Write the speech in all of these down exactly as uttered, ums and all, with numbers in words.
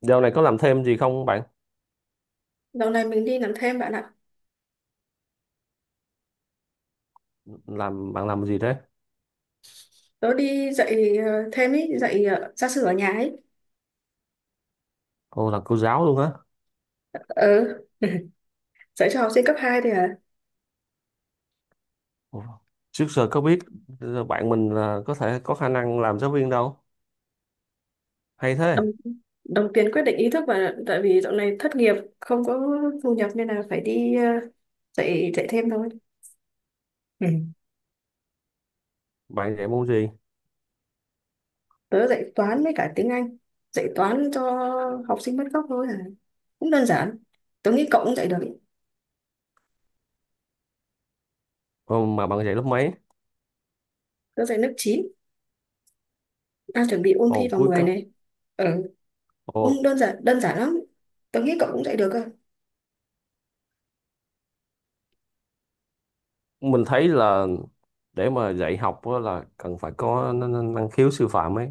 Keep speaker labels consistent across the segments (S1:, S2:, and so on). S1: Dạo này có làm thêm gì không bạn?
S2: Dạo này mình đi làm thêm bạn ạ.
S1: Làm bạn làm gì thế?
S2: Tớ đi dạy ờ, thêm ý, dạy ờ, gia sư ở nhà ấy.
S1: Ồ là cô giáo luôn á.
S2: Ờ, dạy cho học sinh cấp hai thì à,
S1: Ồ, trước giờ có biết ờ, bạn mình là có thể có khả năng làm giáo viên đâu. Hay thế.
S2: đồng, đồng tiền quyết định ý thức, và tại vì dạo này thất nghiệp không có thu nhập nên là phải đi ờ, dạy dạy thêm thôi. Ừ.
S1: Bạn dạy môn gì?
S2: Tớ dạy toán với cả tiếng Anh. Dạy toán cho học sinh mất gốc thôi à. Cũng đơn giản. Tớ nghĩ cậu cũng dạy được. ý.
S1: Ồ, mà bạn dạy lớp mấy?
S2: Tớ dạy lớp chín, đang chuẩn bị ôn thi
S1: Ồ
S2: vào
S1: cuối
S2: mười
S1: cấp.
S2: này. Ừ,
S1: Ồ,
S2: cũng đơn giản đơn giản lắm. Tớ nghĩ cậu cũng dạy được cơ.
S1: mình thấy là để mà dạy học á là cần phải có n- n- năng khiếu sư phạm ấy.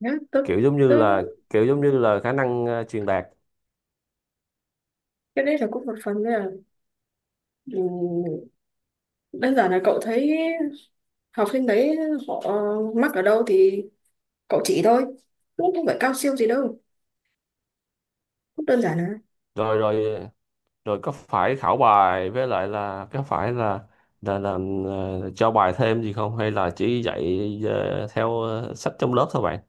S2: Nhá, tớ
S1: Kiểu giống như
S2: tớ
S1: là kiểu giống như là khả năng ờ, truyền đạt.
S2: cái đấy là cũng một phần nữa. Ừ, đơn giản là cậu thấy học sinh đấy, họ mắc ở đâu thì cậu chỉ thôi, cũng không phải cao siêu gì đâu, cũng đơn giản là
S1: Rồi rồi, rồi có phải khảo bài với lại là có phải là là, là ờ, cho bài thêm gì không hay là chỉ dạy ờ, theo ờ, sách trong lớp thôi bạn?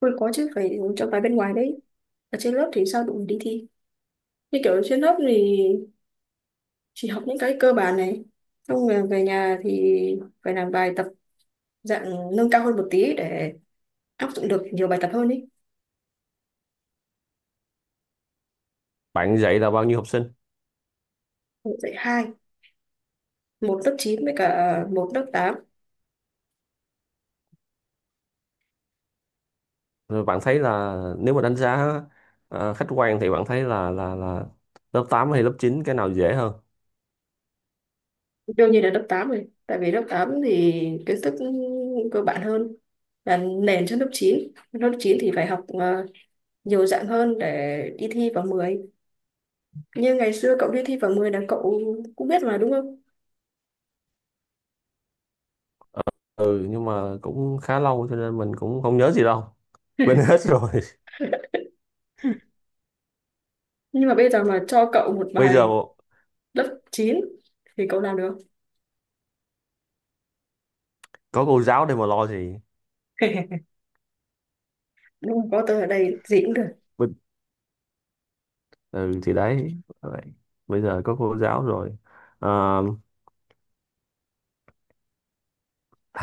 S2: thôi. Có chứ, phải cho bài bên ngoài đấy, ở trên lớp thì sao đủ để đi thi. Như kiểu trên lớp thì chỉ học những cái cơ bản này, xong rồi về nhà thì phải làm bài tập dạng nâng cao hơn một tí để áp dụng được nhiều bài tập hơn ý.
S1: Bạn dạy là bao nhiêu học sinh?
S2: Dạy hai, một lớp chín với cả một lớp tám.
S1: Rồi bạn thấy là nếu mà đánh giá ờ, khách quan thì bạn thấy là là là lớp tám hay lớp chín cái nào dễ hơn?
S2: Đương nhiên là lớp tám rồi, tại vì lớp tám thì kiến thức cơ bản hơn, là nền cho lớp chín. Lớp chín thì phải học ờ, nhiều dạng hơn để đi thi vào mười. Như ngày xưa cậu đi thi vào mười là cậu cũng biết mà đúng không?
S1: Ừ nhưng mà cũng khá lâu cho nên mình cũng không nhớ gì đâu, quên hết rồi.
S2: Nhưng mà bây giờ mà cho cậu một
S1: Bây giờ
S2: bài lớp chín thì cậu làm được không?
S1: có cô giáo để mà lo gì.
S2: Đúng rồi, có tớ ở đây gì cũng được.
S1: Bình- ừ thì đấy vậy. Bây giờ có cô giáo rồi. Ờ,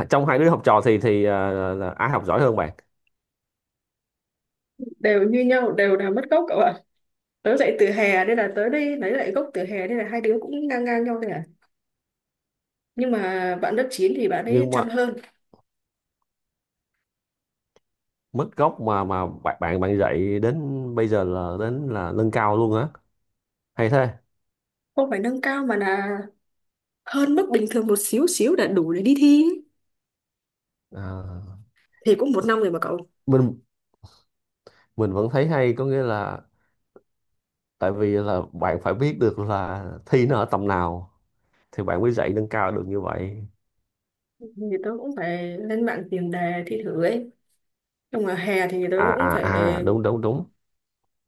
S1: trong hai đứa học trò thì thì à, là ai học giỏi hơn bạn?
S2: Đều như nhau, đều là mất gốc cậu ạ. Tớ dạy từ hè nên là tớ đi lấy lại gốc từ hè, nên là hai đứa cũng ngang ngang nhau thôi à. Nhưng mà bạn lớp chín thì bạn ấy
S1: Nhưng mà
S2: chăm hơn.
S1: mức gốc mà mà bạn bạn bạn dạy đến bây giờ là đến là nâng cao luôn á, hay thế.
S2: Không phải nâng cao mà là hơn mức bình thường một xíu xíu đã đủ để đi thi ấy.
S1: À,
S2: Thì cũng một năm rồi mà cậu.
S1: mình mình vẫn thấy hay, có nghĩa là tại vì là bạn phải biết được là thi nó ở tầm nào thì bạn mới dạy nâng cao được như vậy.
S2: Thì tớ cũng phải lên mạng tìm đề thi thử ấy. Nhưng mà hè thì tớ
S1: À
S2: cũng
S1: à
S2: phải,
S1: à, đúng đúng đúng.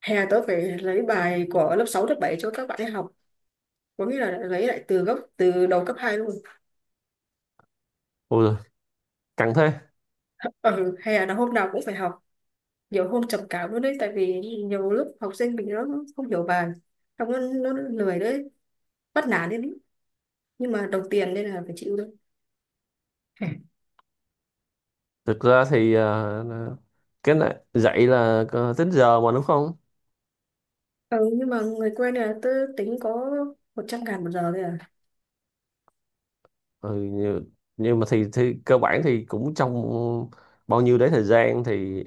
S2: hè tớ phải lấy bài của lớp sáu lớp bảy cho các bạn ấy học, có nghĩa là lấy lại từ gốc từ đầu cấp hai luôn.
S1: Ôi giời, căng thế.
S2: Ừ, hè là hôm nào cũng phải học, nhiều hôm trầm cảm luôn đấy, tại vì nhiều lúc học sinh mình nó không hiểu bài, không, nó, nó lười đấy, bắt nản đấy, nhưng mà đồng tiền nên là phải chịu thôi.
S1: Thực ra thì à, cái này dạy là có tính giờ mà đúng không?
S2: Ừ, nhưng mà người quen này là tớ tính có một trăm ngàn một giờ thôi à.
S1: Ừ, nhưng, nhưng mà thì, thì cơ bản thì cũng trong bao nhiêu đấy thời gian thì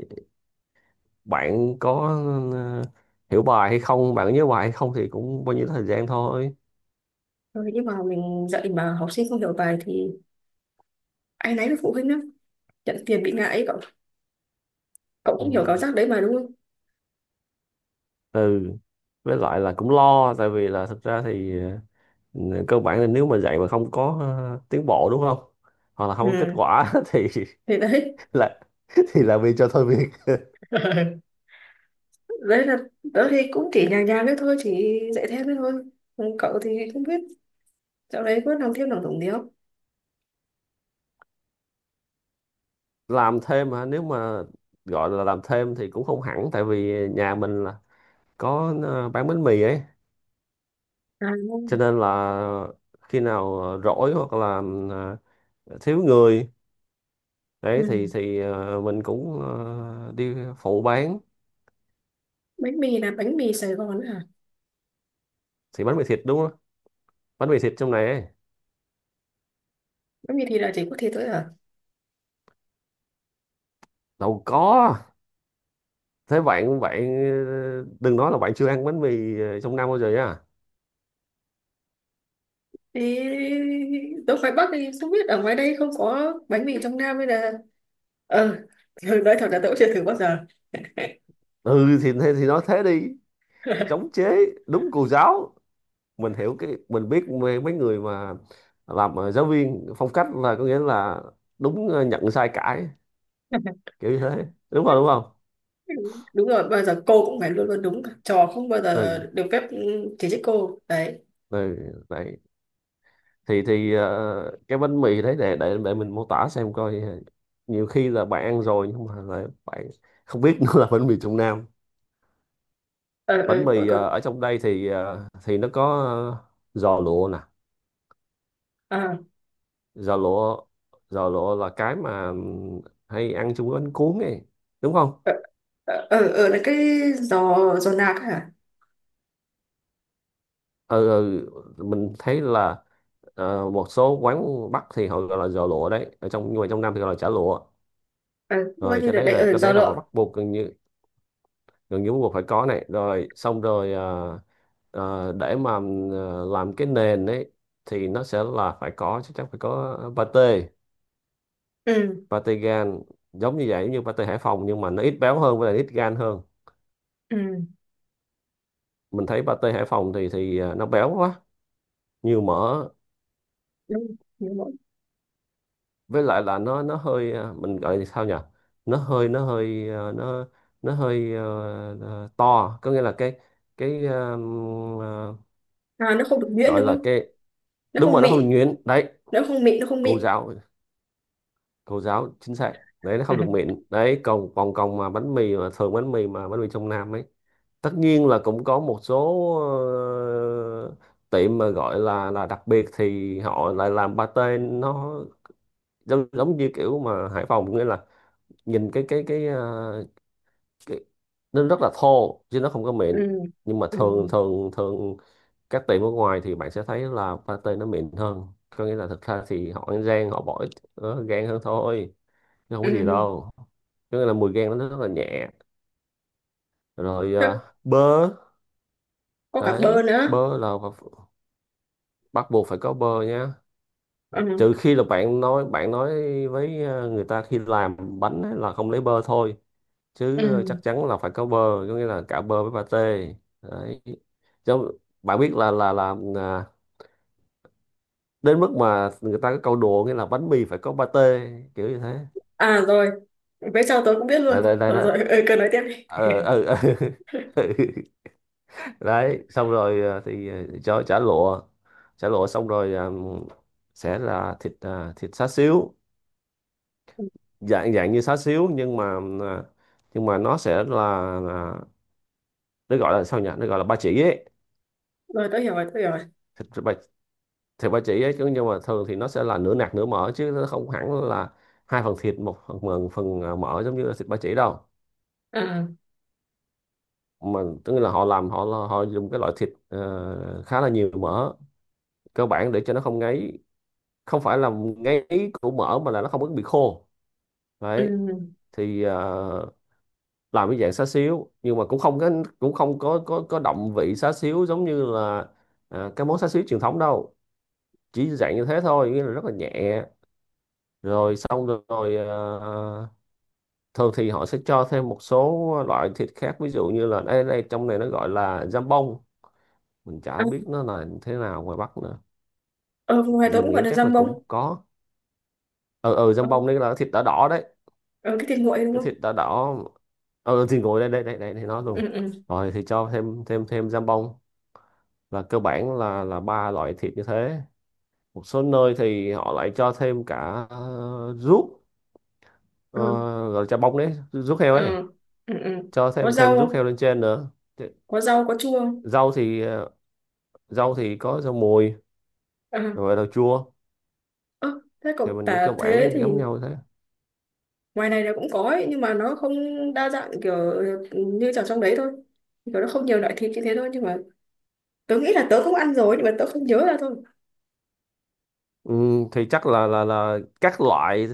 S1: bạn có ờ, hiểu bài hay không, bạn có nhớ bài hay không thì cũng bao nhiêu thời gian thôi.
S2: Ừ, nhưng mà mình dạy mà học sinh không hiểu bài thì ai nấy với phụ huynh lắm. Nhận tiền bị ngại ấy, cậu, cậu cũng hiểu cảm
S1: Ừ.
S2: giác đấy mà đúng không?
S1: Ừ, với lại là cũng lo tại vì là thực ra thì ờ, cơ bản là nếu mà dạy mà không có ờ, tiến bộ đúng không, hoặc là không có kết
S2: Ừ,
S1: quả thì
S2: thì đấy.
S1: là thì là vì cho thôi việc.
S2: Đấy là tớ thì cũng chỉ nhàng nhàng đấy thôi, chỉ dạy thêm đấy thôi. Ừ, cậu thì không biết, dạo đấy có làm thêm làm tổng gì không?
S1: Làm thêm hả, nếu mà gọi là làm thêm thì cũng không hẳn, tại vì nhà mình là có ờ, bán bánh mì ấy,
S2: À,
S1: cho
S2: không.
S1: nên là khi nào ờ, rỗi hoặc là ờ, thiếu người đấy
S2: Ừ.
S1: thì thì ờ, mình cũng ờ, đi phụ bán.
S2: Bánh mì là bánh mì Sài Gòn hả?
S1: Thì bánh mì thịt đúng không, bánh mì thịt trong này ấy.
S2: Bánh mì thì là chỉ có thế thôi hả?
S1: Đâu có, thế bạn bạn ờ, đừng nói là bạn chưa ăn bánh mì ờ, trong năm bao giờ nha.
S2: Thế tôi ngoài Bắc thì không biết ở ngoài đây không có bánh mì trong Nam hay là ờ ừ, nói thật là tôi cũng chưa thử bao giờ.
S1: Ừ thì thế thì nói thế đi, chống chế. Đúng cô giáo. Mình hiểu, cái mình biết mấy mấy người mà làm ờ, giáo viên phong cách là có nghĩa là đúng, ờ, nhận sai cãi, kiểu như thế, đúng không đúng không.
S2: Đúng rồi, bao giờ cô cũng phải luôn luôn đúng cả. Trò không bao giờ
S1: Ừ.
S2: được phép ừ, chỉ trích cô đấy.
S1: Ừ, đấy thì thì ờ, cái bánh mì đấy để để để mình mô tả xem coi, ờ, nhiều khi là bạn ăn rồi nhưng mà lại bạn không biết nó là bánh mì Trung Nam.
S2: Ờ ờ
S1: Bánh
S2: còn
S1: mì ờ,
S2: còn-
S1: ở trong đây thì ờ, thì nó có ờ, giò lụa nè,
S2: À,
S1: giò lụa. Giò lụa là cái mà ừm, hay ăn chung với bánh cuốn ấy, đúng không?
S2: ờ ờ ờ, ờ, là cái giò giò nạc hả?
S1: Ừ, ừ, mình thấy là ờ, một số quán Bắc thì họ gọi là giò lụa đấy ở trong, nhưng mà trong Nam thì gọi là chả lụa.
S2: ờ Coi
S1: Rồi
S2: như
S1: cái
S2: là
S1: đấy
S2: đấy
S1: là
S2: ở
S1: cái
S2: giò
S1: đấy là vào
S2: lộn.
S1: Bắc buộc gần như, gần như bắt buộc phải có này. Rồi xong rồi ờ, ờ, để mà ờ, làm cái nền ấy thì nó sẽ là phải có, chắc chắn phải có pate,
S2: Ừ,
S1: pate gan giống như vậy, như pate Hải Phòng nhưng mà nó ít béo hơn với lại ít gan hơn.
S2: ừ.
S1: Mình thấy pate Hải Phòng thì thì ờ, nó béo quá, nhiều mỡ.
S2: Đúng đúng rồi.
S1: Với lại là nó nó hơi ờ, mình gọi là sao nhỉ, nó hơi nó hơi ờ, nó nó hơi ờ, ờ, to, có nghĩa là cái cái ờ, ờ,
S2: À, nó không được nhuyễn
S1: gọi
S2: đúng
S1: là
S2: không?
S1: cái.
S2: Nó
S1: Đúng
S2: không
S1: rồi, nó không được
S2: mịn,
S1: nhuyễn đấy.
S2: nó không mịn, nó không
S1: Cô
S2: mịn.
S1: giáo, cô giáo chính xác, đấy nó không được mịn đấy. Còn còn còn mà bánh mì mà thường bánh mì mà bánh mì trong Nam ấy, tất nhiên là cũng có một số ờ, tiệm mà gọi là là đặc biệt thì họ lại làm pate nó giống, giống như kiểu mà Hải Phòng, nghĩa là nhìn cái cái cái, ờ, cái, nó rất là thô chứ nó không có mịn.
S2: Ừ,
S1: Nhưng mà
S2: ừ,
S1: thường thường thường các tiệm ở ngoài thì bạn sẽ thấy là pate nó mịn hơn, có nghĩa là thực ra thì họ ăn rang họ bỏ ít ờ, gan hơn thôi, nó không có gì
S2: ừ.
S1: đâu. Cái này là mùi gan nó rất là nhẹ. Rồi
S2: Thế
S1: à, bơ.
S2: có cả bơ
S1: Đấy
S2: nữa.
S1: bơ là ph- bắt buộc phải có bơ nha,
S2: Ừ.
S1: trừ khi là bạn nói bạn nói với à, người ta khi làm bánh ấy là không lấy bơ thôi, chứ à, chắc
S2: Ừ,
S1: chắn là phải có bơ, có nghĩa là cả bơ với pate. Đấy, chứ bạn biết là là là à, đến mức mà người ta có câu đùa nghĩa là bánh mì phải có pate, kiểu như thế.
S2: à, rồi. Về sau tớ cũng biết luôn,
S1: Đây đây đây
S2: rồi
S1: đó.
S2: rồi ừ, cứ nói tiếp đi.
S1: Ờ ờ ờ. Đấy xong rồi ờ, thì ờ, cho chả lụa, chả lụa. Xong rồi ờ, sẽ là thịt ờ, thịt xá xíu, dạng dạng như xá xíu nhưng mà ờ, nhưng mà nó sẽ là, là nó gọi là sao nhỉ, nó gọi là ba chỉ ấy.
S2: Rồi tớ hiểu rồi, tớ hiểu rồi.
S1: thịt ba Thịt ba chỉ ấy chứ, nhưng mà thường thì nó sẽ là nửa nạc nửa mỡ chứ nó không hẳn là hai phần thịt một phần phần, phần ờ, mỡ giống như là thịt ba chỉ đâu.
S2: À,
S1: Mà tức là họ làm họ họ dùng cái loại thịt ờ, khá là nhiều mỡ, cơ bản để cho nó không ngấy. Không phải là ngáy của mỡ mà là nó không có bị khô,
S2: ừ.
S1: đấy. Thì ờ, làm cái dạng xá xíu nhưng mà cũng không có, cũng không có có có động vị xá xíu giống như là à, cái món xá xíu truyền thống đâu, chỉ dạng như thế thôi, nghĩa là rất là nhẹ. Rồi xong rồi, rồi ờ, thường thì họ sẽ cho thêm một số loại thịt khác, ví dụ như là đây đây, trong này nó gọi là jambon, mình chả
S2: À,
S1: biết nó là thế nào ngoài Bắc nữa.
S2: ờ, ngoài tớ
S1: Mình
S2: cũng gọi
S1: nghĩ
S2: là
S1: chắc là
S2: dăm bông.
S1: cũng có. Ừ ừ,
S2: ờ,
S1: jambon đây là thịt đỏ đỏ đấy,
S2: ờ, cái thịt nguội đúng
S1: cái
S2: không?
S1: thịt đỏ đỏ. Ờ ừ, thì ngồi đây đây đây đây thì nói luôn.
S2: Ừ, ừ,
S1: Rồi thì cho thêm thêm thêm giam bông, là cơ bản là là ba loại thịt như thế. Một số nơi thì họ lại cho thêm cả ờ, ruốc, ờ,
S2: ừ.
S1: gọi là chả bông đấy, ruốc heo ấy,
S2: Ừ, ừ, ừ,
S1: cho
S2: có
S1: thêm
S2: rau
S1: thêm ruốc
S2: không?
S1: heo lên trên nữa. Thì
S2: Có rau, có chua không?
S1: rau thì ờ, rau thì có rau mùi,
S2: À,
S1: rồi rau chua,
S2: ơ, thế
S1: thì
S2: cậu
S1: mình nghĩ cơ
S2: tả
S1: bản nó
S2: thế thì
S1: giống nhau thế.
S2: ngoài này là cũng có ấy, nhưng mà nó không đa dạng kiểu như ở trong đấy thôi. Kiểu nó không nhiều loại thịt như thế thôi nhưng mà tớ nghĩ là tớ cũng ăn rồi nhưng mà tớ không nhớ ra thôi.
S1: Ừ, thì chắc là là là các loại,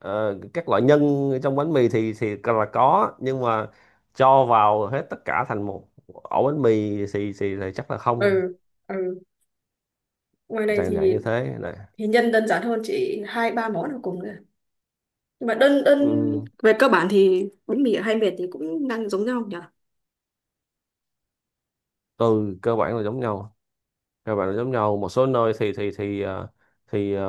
S1: ờ, các loại nhân trong bánh mì thì thì là có, nhưng mà cho vào hết tất cả thành một ổ bánh mì thì thì, thì chắc là không.
S2: Ừ, ừ. Ngoài này
S1: Dạng dạng
S2: thì
S1: như thế này.
S2: thì nhân đơn giản hơn, chỉ hai ba món là cùng rồi. Nhưng mà đơn đơn
S1: Ừ,
S2: về cơ bản thì bánh mì hay mệt thì cũng đang giống nhau nhỉ.
S1: từ cơ bản là giống nhau, cơ bản là giống nhau. Một số nơi thì thì thì ờ, thì ờ,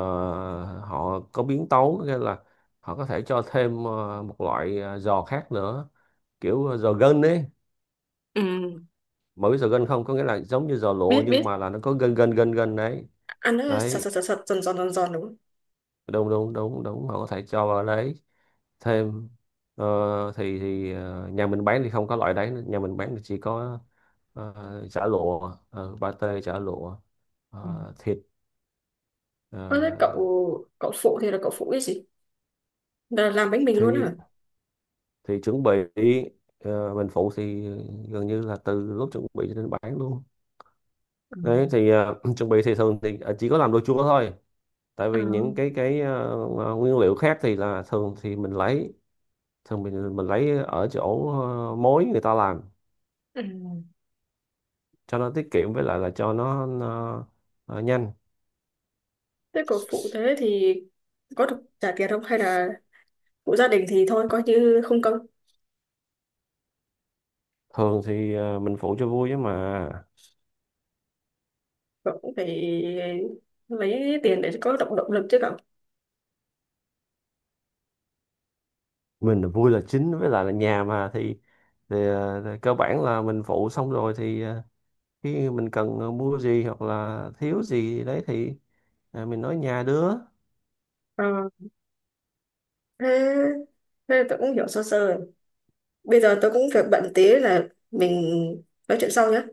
S1: họ có biến tấu, nghĩa là họ có thể cho thêm ờ, một loại ờ, giò khác nữa, kiểu ờ, giò gân ấy,
S2: Ừ,
S1: mà biết giò gân không, có nghĩa là giống như giò lụa
S2: biết
S1: nhưng
S2: biết.
S1: mà là nó có gân gân gân gân đấy.
S2: Ăn nó sật sật
S1: Đấy
S2: sật sật giòn giòn giòn giòn đúng không?
S1: đúng đúng đúng đúng, họ có thể cho vào đấy thêm ờ, thì thì ờ, nhà mình bán thì không có loại đấy nữa. Nhà mình bán thì chỉ có ờ, chả lụa, uh, pate chả lụa,
S2: Ừ.
S1: ờ, thịt, ờ,
S2: Ơ, thế cậu cậu phụ thì là cậu phụ cái gì, là làm bánh mì luôn hả?
S1: thì thì chuẩn bị. Ờ, mình phụ thì gần như là từ lúc chuẩn bị cho đến bán luôn.
S2: Ừ.
S1: Đấy thì ờ, chuẩn bị thì thường thì ờ, chỉ có làm đồ chua thôi, tại
S2: À.
S1: vì những cái cái ờ, nguyên liệu khác thì là thường thì mình lấy, thường mình mình lấy ở chỗ ờ, mối người ta làm,
S2: Ừ.
S1: cho nó tiết kiệm với lại là cho nó, nó ờ, nhanh.
S2: Thế cậu phụ thế thì có được trả tiền không hay là phụ gia đình thì thôi coi như không công?
S1: Thường thì ờ, mình phụ cho vui chứ mà,
S2: Cậu cũng phải lấy tiền để có động động lực chứ cậu.
S1: mình là vui là chính, với lại là nhà mà thì, thì ờ, thì cơ bản là mình phụ xong rồi thì ờ, khi mình cần mua gì hoặc là thiếu gì đấy thì ờ, mình nói nhà đứa
S2: Ờ. thế thế tôi cũng hiểu sơ sơ. Bây giờ tôi cũng việc bận tí là mình nói chuyện sau nhé.